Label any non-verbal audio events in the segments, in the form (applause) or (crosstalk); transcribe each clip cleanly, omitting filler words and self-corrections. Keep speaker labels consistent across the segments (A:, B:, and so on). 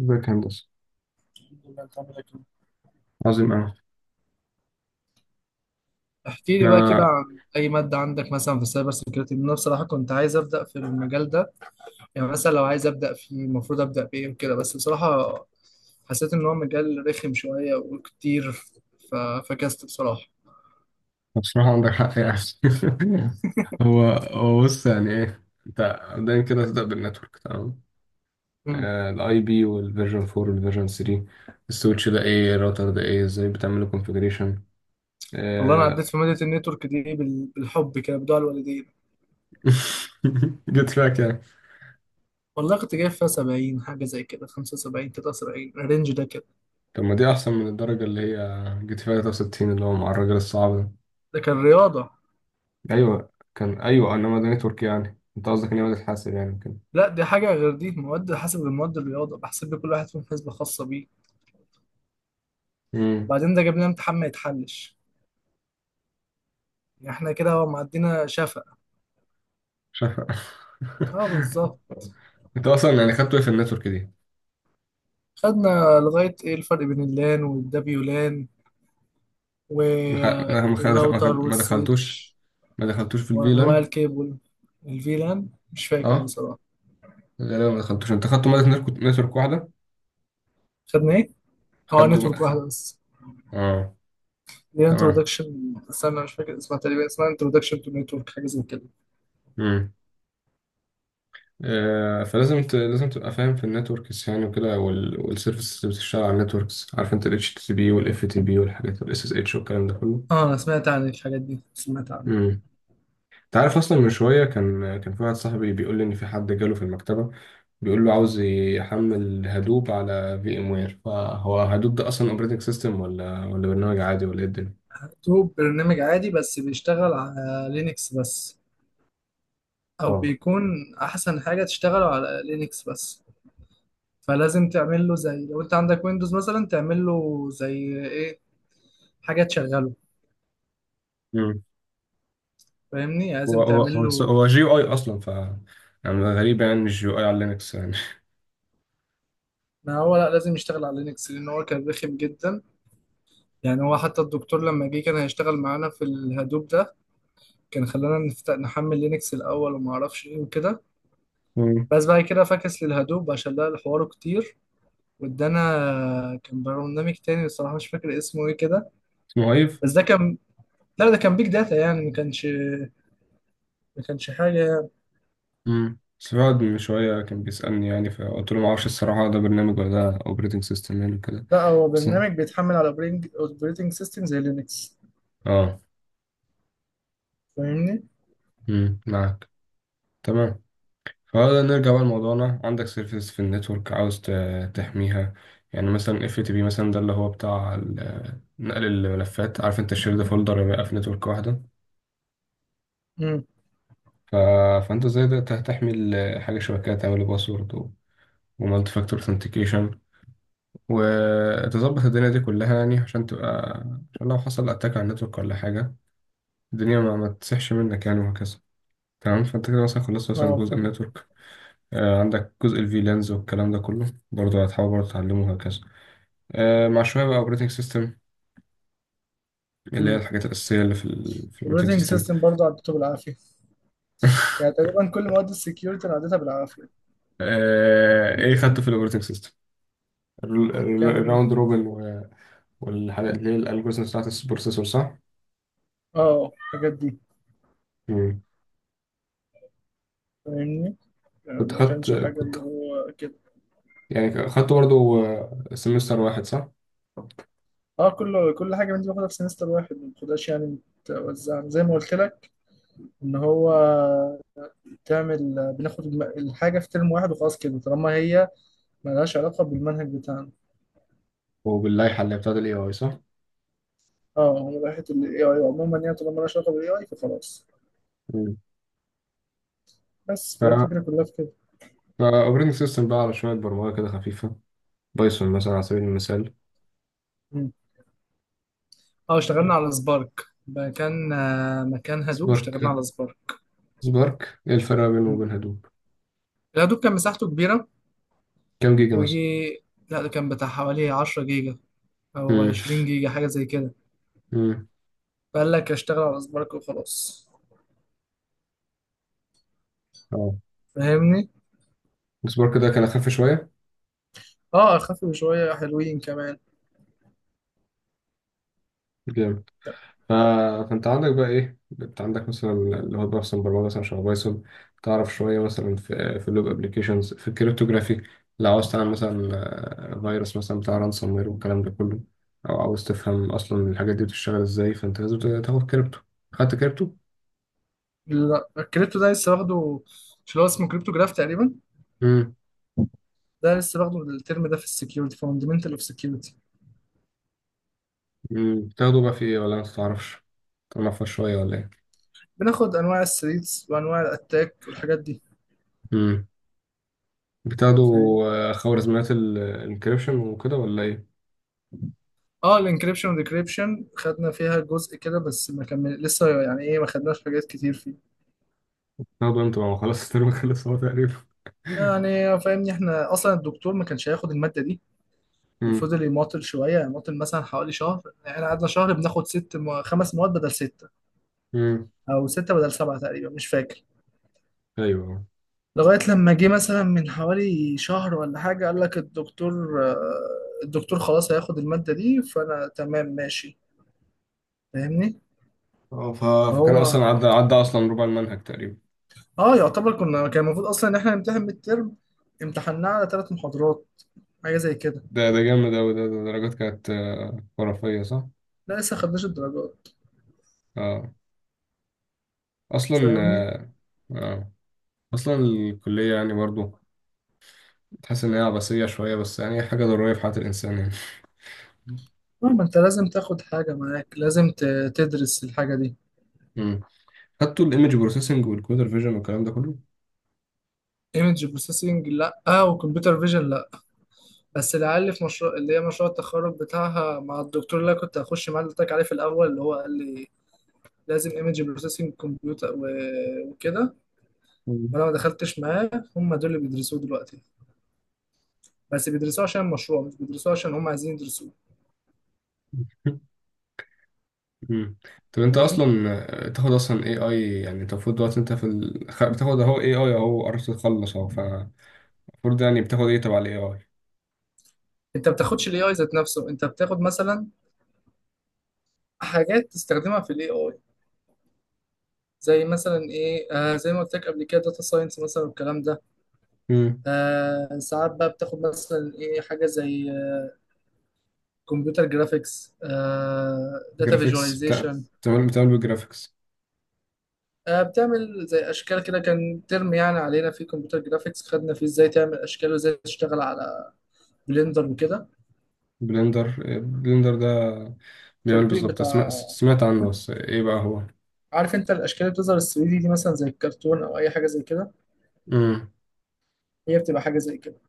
A: ازيك يا هندسة؟
B: الله يخليك لك.
A: عظيم أوي.
B: احكي لي بقى كده
A: ما
B: عن اي ماده عندك مثلا في السايبر سيكيورتي، لأن انا بصراحه كنت عايز ابدا في المجال ده. يعني مثلا لو عايز ابدا فيه المفروض ابدا بايه وكده، بس بصراحه حسيت ان هو مجال رخم شويه وكتير. ف- فكست بصراحه.
A: بصراحة عندك حق يعني. (laughs) هو بص، يعني إيه أنت. دايما كده تبدأ بالنتورك، تمام.
B: مم.
A: الاي بي والفيرجن 4 والفيرجن 3. السويتش ده ايه؟ الراوتر ده ايه؟ ازاي بتعمل كونفيجريشن؟ (laughs)
B: والله انا عديت في ماده النتورك دي بالحب كده بدعاء الوالدين.
A: جيت فيها كام؟
B: والله كنت جايب فيها 70 حاجه زي كده، 75، 79، الرينج ده كده.
A: طب ما دي احسن من الدرجه اللي هي جيت فيها 63 اللي هو مع الراجل الصعب.
B: ده كان رياضه.
A: ده ايوه كان، ايوه انما ده نتورك. يعني انت قصدك ان هو بتتحاسب يعني كده.
B: لا دي حاجه غير، دي مواد حسب المواد، الرياضه بحسب لكل واحد فيهم حسبه خاصه بيه.
A: امم.
B: وبعدين ده جاب لنا امتحان ما يتحلش، يعني احنا كده معدينا شفق. اه
A: (laughs)
B: بالظبط.
A: انت اصلا يعني خدته ايه في النتورك دي؟
B: خدنا لغاية ايه الفرق بين اللان والدبيولان، والراوتر
A: ما دخلتوش.
B: والسويتش،
A: ما دخلتوش في
B: وانواع
A: الفيلان.
B: الكيبل. الفيلان مش فاكر
A: اه.
B: بصراحة.
A: غالبا ما دخلتوش. انت خدته مادة نتورك واحدة.
B: خدنا ايه؟ اه
A: خدوا
B: نتورك
A: خ...
B: واحدة بس.
A: اه،
B: دي
A: تمام.
B: انترودكشن، استنى مش فاكر اسمها، تقريبا اسمها انترودكشن تو نتورك حاجة زي كده.
A: امم. فلازم لازم تبقى فاهم في النتوركس يعني وكده، والسيرفيسز اللي بتشتغل على النتوركس. عارف انت ال HTTP وال FTP والحاجات وال SSH والكلام ده كله.
B: اه انا سمعت عن الحاجات دي، سمعت عنها.
A: انت عارف اصلا، من شويه كان في واحد صاحبي بيقول لي ان في حد جاله في المكتبه، بيقول له عاوز يحمل هدوب على في ام وير. فهو هدوب ده اصلا اوبريتنج سيستم ولا برنامج عادي ولا ايه الدنيا؟
B: مكتوب برنامج عادي بس بيشتغل على لينكس بس، او
A: اه.
B: بيكون احسن حاجه تشتغله على لينكس بس. فلازم تعمل له زي، لو انت عندك ويندوز مثلا تعمل له زي ايه، حاجه تشغله.
A: مم.
B: فاهمني يعني
A: هو
B: لازم
A: هو
B: تعمل
A: هو
B: له.
A: هو جي يو اي اصلا، يعني غريب يعني، مش جي يو اي على لينكس يعني.
B: ما هو لا لازم يشتغل على لينكس لان هو كان رخم جدا. يعني هو حتى الدكتور لما جه كان هيشتغل معانا في الهدوب ده، كان خلانا نفتح نحمل لينكس الاول وما اعرفش ايه وكده.
A: مم.
B: بس بعد كده فكس للهدوب عشان لقى الحوار كتير وادانا. كان برنامج تاني الصراحه مش فاكر اسمه ايه كده.
A: اسمه ايف.
B: بس ده كان، لا ده كان بيج داتا يعني ما كانش حاجة.
A: سعاد من شويه كان بيسالني، يعني فقلت له ما اعرفش الصراحه ده برنامج ولا ده اوبريتنج سيستم يعني كده.
B: لا هو
A: بس.
B: برنامج بيتحمل على اوبريتنج سيستم زي لينكس.
A: اه.
B: فاهمني؟
A: معاك، تمام. فهذا نرجع بقى لموضوعنا. عندك سيرفيس في النتورك عاوز تحميها. يعني مثلا اف تي بي مثلا، ده اللي هو بتاع نقل الملفات. عارف انت الشير ده، فولدر بقى في نتورك واحده.
B: امم.
A: ف... فانت ازاي ده تحمي حاجه شبكيه؟ تعمل باسورد ومالتي فاكتور اثنتيكيشن، وتظبط الدنيا دي كلها يعني عشان تبقى، عشان لو حصل اتاك على النتورك ولا حاجه الدنيا ما تسحش منك يعني، وهكذا. تمام. فانت كده مثلا خلصت مثلا
B: اه
A: جزء
B: فاهم.
A: النتورك. عندك جزء الفي لانز والكلام ده كله برضه، هتحاول برضه تعلمه وهكذا. مع شوية بقى اوبريتنج سيستم، اللي هي
B: امم.
A: الحاجات الأساسية اللي في ال في الاوبريتنج
B: اوبريتنج
A: سيستم.
B: سيستم برضه عديته بالعافية، يعني تقريبا كل مواد السكيورتي انا عديتها بالعافية.
A: ايه خدته في الاوبريتنج سيستم؟
B: كان
A: الراوند روبن والحاجات اللي هي الالجوريزم بتاعت البروسيسور، صح؟
B: اه الحاجات دي.
A: مم.
B: فاهمني؟ يعني ما كانش حاجة
A: كنت
B: اللي هو كده.
A: يعني خدته برضه سمستر واحد، صح؟
B: اه كل حاجة من دي باخدها في سمستر واحد ما باخدهاش، يعني متوزعة زي ما قلت لك ان هو تعمل بناخد الحاجة في ترم واحد وخلاص كده طالما هي ملهاش علاقة بالمنهج بتاعنا.
A: وباللائحة اللي بتاعت الاي اي، صح؟
B: اه هي راحت ال AI عموما يعني طالما لها علاقة بال AI فخلاص.
A: مم.
B: بس فهي
A: ف
B: الفكرة كلها في كده.
A: فاوبريتنج سيستم بقى على شوية برمجة كده خفيفة، بايثون مثلا على سبيل المثال.
B: مم. اه اشتغلنا على سبارك، مكان آه، مكان هدوب
A: سبارك.
B: اشتغلنا على سبارك.
A: سبارك ايه الفرق بينه
B: مم.
A: وبين هدوب؟
B: الهدوب كان مساحته كبيرة.
A: كام جيجا مثلا؟
B: ويجي، لا ده كان بتاع حوالي 10 جيجا أو
A: مم.
B: 20 جيجا حاجة زي كده. فقال لك أشتغل على سبارك وخلاص.
A: مم.
B: فاهمني؟
A: السبارك ده كان اخف شويه.
B: اه اخف شوية، حلوين كمان.
A: جامد. ف... فانت عندك بقى ايه؟ انت عندك مثلا اللي هو بايثون، برمجه مثلا شبه بايثون. تعرف شويه مثلا في اللوب ابلكيشنز، في الكريptography. لو عاوز تعمل مثلا، فيروس مثلا بتاع رانسوم وير والكلام ده كله، او عاوز تفهم اصلا الحاجات دي بتشتغل ازاي، فانت لازم تاخد كريبتو. خدت كريبتو؟
B: لا، الكريبتو ده لسه واخده، مش اللي هو اسمه كريبتو جراف تقريبا.
A: امم.
B: ده لسه واخده الترم ده في السكيورتي فاندمنتال اوف.
A: بتاخده بقى في ايه ولا ما تعرفش؟ تعرفها شويه ولا ايه؟
B: بناخد انواع الثريتس وانواع الاتاك والحاجات دي.
A: امم. بتاخده.
B: فاهم.
A: خوارزميات الانكريبشن وكده ولا ايه؟
B: اه الانكريبشن والديكريبشن خدنا فيها جزء كده، بس ما كمل لسه يعني ايه ما خدناش حاجات كتير فيه.
A: برضه انت ما خلاص (laughs) الترم خلص هو تقريبا. (laughs)
B: يعني فاهمني احنا اصلا الدكتور ما كانش هياخد الماده دي،
A: امم.
B: وفضل يماطل شويه يعني يماطل مثلا حوالي شهر. احنا قعدنا شهر بناخد خمس مواد بدل سته،
A: امم.
B: او سته بدل سبعه تقريبا مش فاكر.
A: ايوه.
B: لغايه لما جه مثلا من حوالي شهر ولا حاجه قال لك الدكتور آه، الدكتور خلاص هياخد الماده دي. فانا تمام ماشي. فاهمني.
A: اه. فكان
B: فهو
A: اصلا عدى اصلا ربع المنهج تقريبا.
B: اه يعتبر كنا، كان المفروض اصلا ان احنا نمتحن ميد ترم، امتحناه على 3 محاضرات حاجه زي كده.
A: ده جامد اوي، ده درجات كانت خرافيه، صح؟
B: لا لسه خدناش الدرجات.
A: اه. اصلا
B: فاهمني.
A: آه آه. اصلا الكليه يعني برضو، تحس ان هي عبثيه شويه، بس يعني هي حاجه ضروريه في حياه الانسان يعني.
B: اه ما انت لازم تاخد حاجه معاك، لازم تدرس الحاجه دي.
A: امم. خدتوا الايمج بروسيسنج والكمبيوتر فيجن والكلام ده كله؟
B: ايمج بروسيسنج لا، آه وكمبيوتر فيجن لا. بس العيال اللي في مشروع، اللي هي مشروع التخرج بتاعها مع الدكتور اللي أنا كنت هخش معاه، اللي قلت لك عليه في الاول، اللي هو قال لي لازم ايمج بروسيسنج كمبيوتر وكده.
A: مم.
B: وانا ما دخلتش معاه. هم دول اللي بيدرسوه دلوقتي، بس بيدرسوه عشان المشروع مش بيدرسوه عشان هم عايزين يدرسوه.
A: (laughs) مم. طب انت
B: فاهمني؟
A: اصلا، تاخد اصلا اي اي، يعني انت المفروض دلوقتي انت في بتاخد اهو اي اي اهو، قربت تخلص اهو، فالمفروض يعني بتاخد ايه تبع الاي اي؟
B: انت ما بتاخدش الاي اي ذات نفسه، انت بتاخد مثلا حاجات تستخدمها في الاي اي. زي مثلا ايه آه زي ما قلت لك قبل كده داتا ساينس مثلا والكلام ده.
A: امم.
B: آه ساعات بقى بتاخد مثلا ايه، حاجه زي كمبيوتر جرافيكس، داتا
A: جرافيكس بتاع.
B: فيجواليزيشن.
A: بتعمل بالجرافيكس؟
B: بتعمل زي اشكال كده، كان ترم يعني علينا في كمبيوتر جرافيكس خدنا فيه ازاي تعمل اشكال وازاي تشتغل على بلندر وكده.
A: بلندر. بلندر ده بيعمل
B: التطبيق
A: بالظبط؟
B: بتاع.
A: سمعت عنه، بس ايه بقى هو؟
B: عارف انت الاشكال اللي بتظهر ال 3D دي دي مثلا زي الكرتون او اي حاجه زي كده،
A: امم.
B: هي بتبقى حاجه زي كده.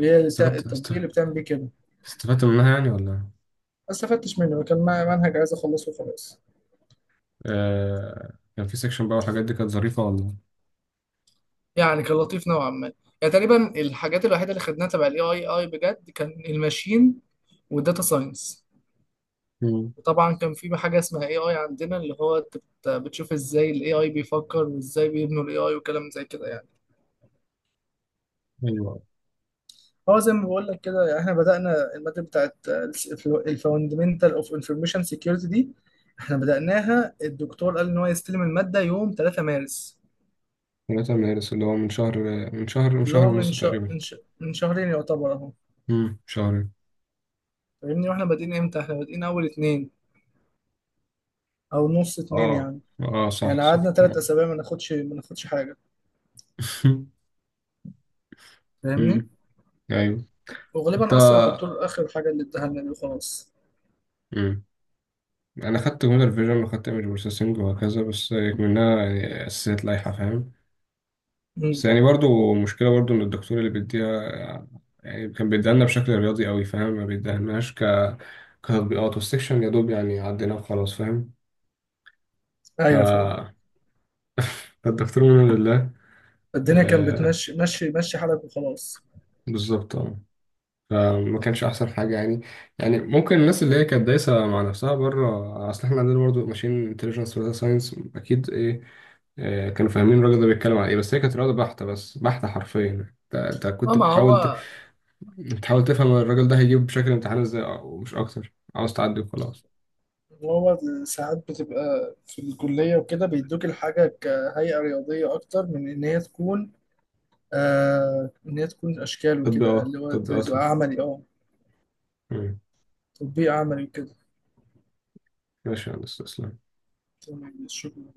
B: هي
A: استفدت است-
B: التطبيق اللي بتعمل بيه كده، ما
A: استفدت منها يعني ولا؟
B: استفدتش منه، كان منهج عايز اخلصه وخلاص.
A: كان في سيكشن بقى والحاجات دي كانت ظريفة ولا؟
B: يعني كان لطيف نوعا ما. يعني تقريبا الحاجات الوحيده اللي خدناها تبع الاي اي اي بجد كان الماشين والداتا ساينس.
A: امم.
B: وطبعا كان في حاجه اسمها اي اي عندنا اللي هو انت بتشوف ازاي الاي اي بيفكر وازاي بيبنوا الاي اي وكلام زي كده يعني.
A: ايوه.
B: هو زي ما بقول لك كده، يعني احنا بدأنا المادة بتاعت الفاندمنتال اوف انفورميشن سيكيورتي دي، احنا بدأناها الدكتور قال ان هو يستلم المادة يوم 3 مارس.
A: ثلاثة مدارس اللي هو من شهر. من
B: اللي
A: شهر
B: هو من
A: ونص
B: شهر
A: تقريبا.
B: من شهرين يعتبر اهو.
A: شهر.
B: فاهمني. واحنا بادئين امتى؟ احنا بادئين اول اتنين او نص اتنين
A: اه.
B: يعني.
A: اه، صح
B: يعني
A: صح
B: قعدنا تلات
A: تمام.
B: اسابيع ما ناخدش حاجه.
A: (laughs)
B: فاهمني.
A: أمم. ايوه. انت.
B: وغالبا اصلا الدكتور اخر حاجه اللي اداها لنا دي وخلاص.
A: أمم. انا خدت كمبيوتر فيجن وخدت ايمج بروسيسنج وهكذا، بس منها يعني اساسيات لائحه، فاهم. بس
B: امم.
A: يعني برضو مشكله برضو ان الدكتور اللي بيديها، يعني كان بيديها لنا بشكل رياضي قوي فاهم، ما بيديهالناش كتطبيقات، والسكشن يا دوب يعني عدينا وخلاص، فاهم. ف
B: ايوه فاهم.
A: (laughs) فالدكتور من لله.
B: الدنيا كانت
A: آه،
B: بتمشي مشي مشي حالك وخلاص.
A: بالظبط، اه. فما كانش احسن حاجه يعني. يعني ممكن الناس اللي هي كانت دايسه مع نفسها بره، اصل احنا عندنا برضه ماشين انتليجنس وداتا ساينس اكيد. ايه، كانوا فاهمين الراجل ده بيتكلم عن ايه، بس هي كانت رياضه بحته، بس بحته حرفيا. أنت
B: اه
A: كنت
B: ما
A: بتحاول
B: هو
A: بتحاول تفهم الراجل ده هيجيب بشكل امتحان ازاي، ومش اكتر عاوز تعدي وخلاص.
B: هو ساعات بتبقى في الكليه وكده بيدوك الحاجه كهيئه رياضيه اكتر من ان هي تكون آه ان هي تكون اشكال وكده اللي هو
A: تطبيقاتها.
B: تبقى عملي اه،
A: مم.
B: تطبيق عملي وكده.
A: ماشي يا هندسة، تسلم.
B: تمام شكرا.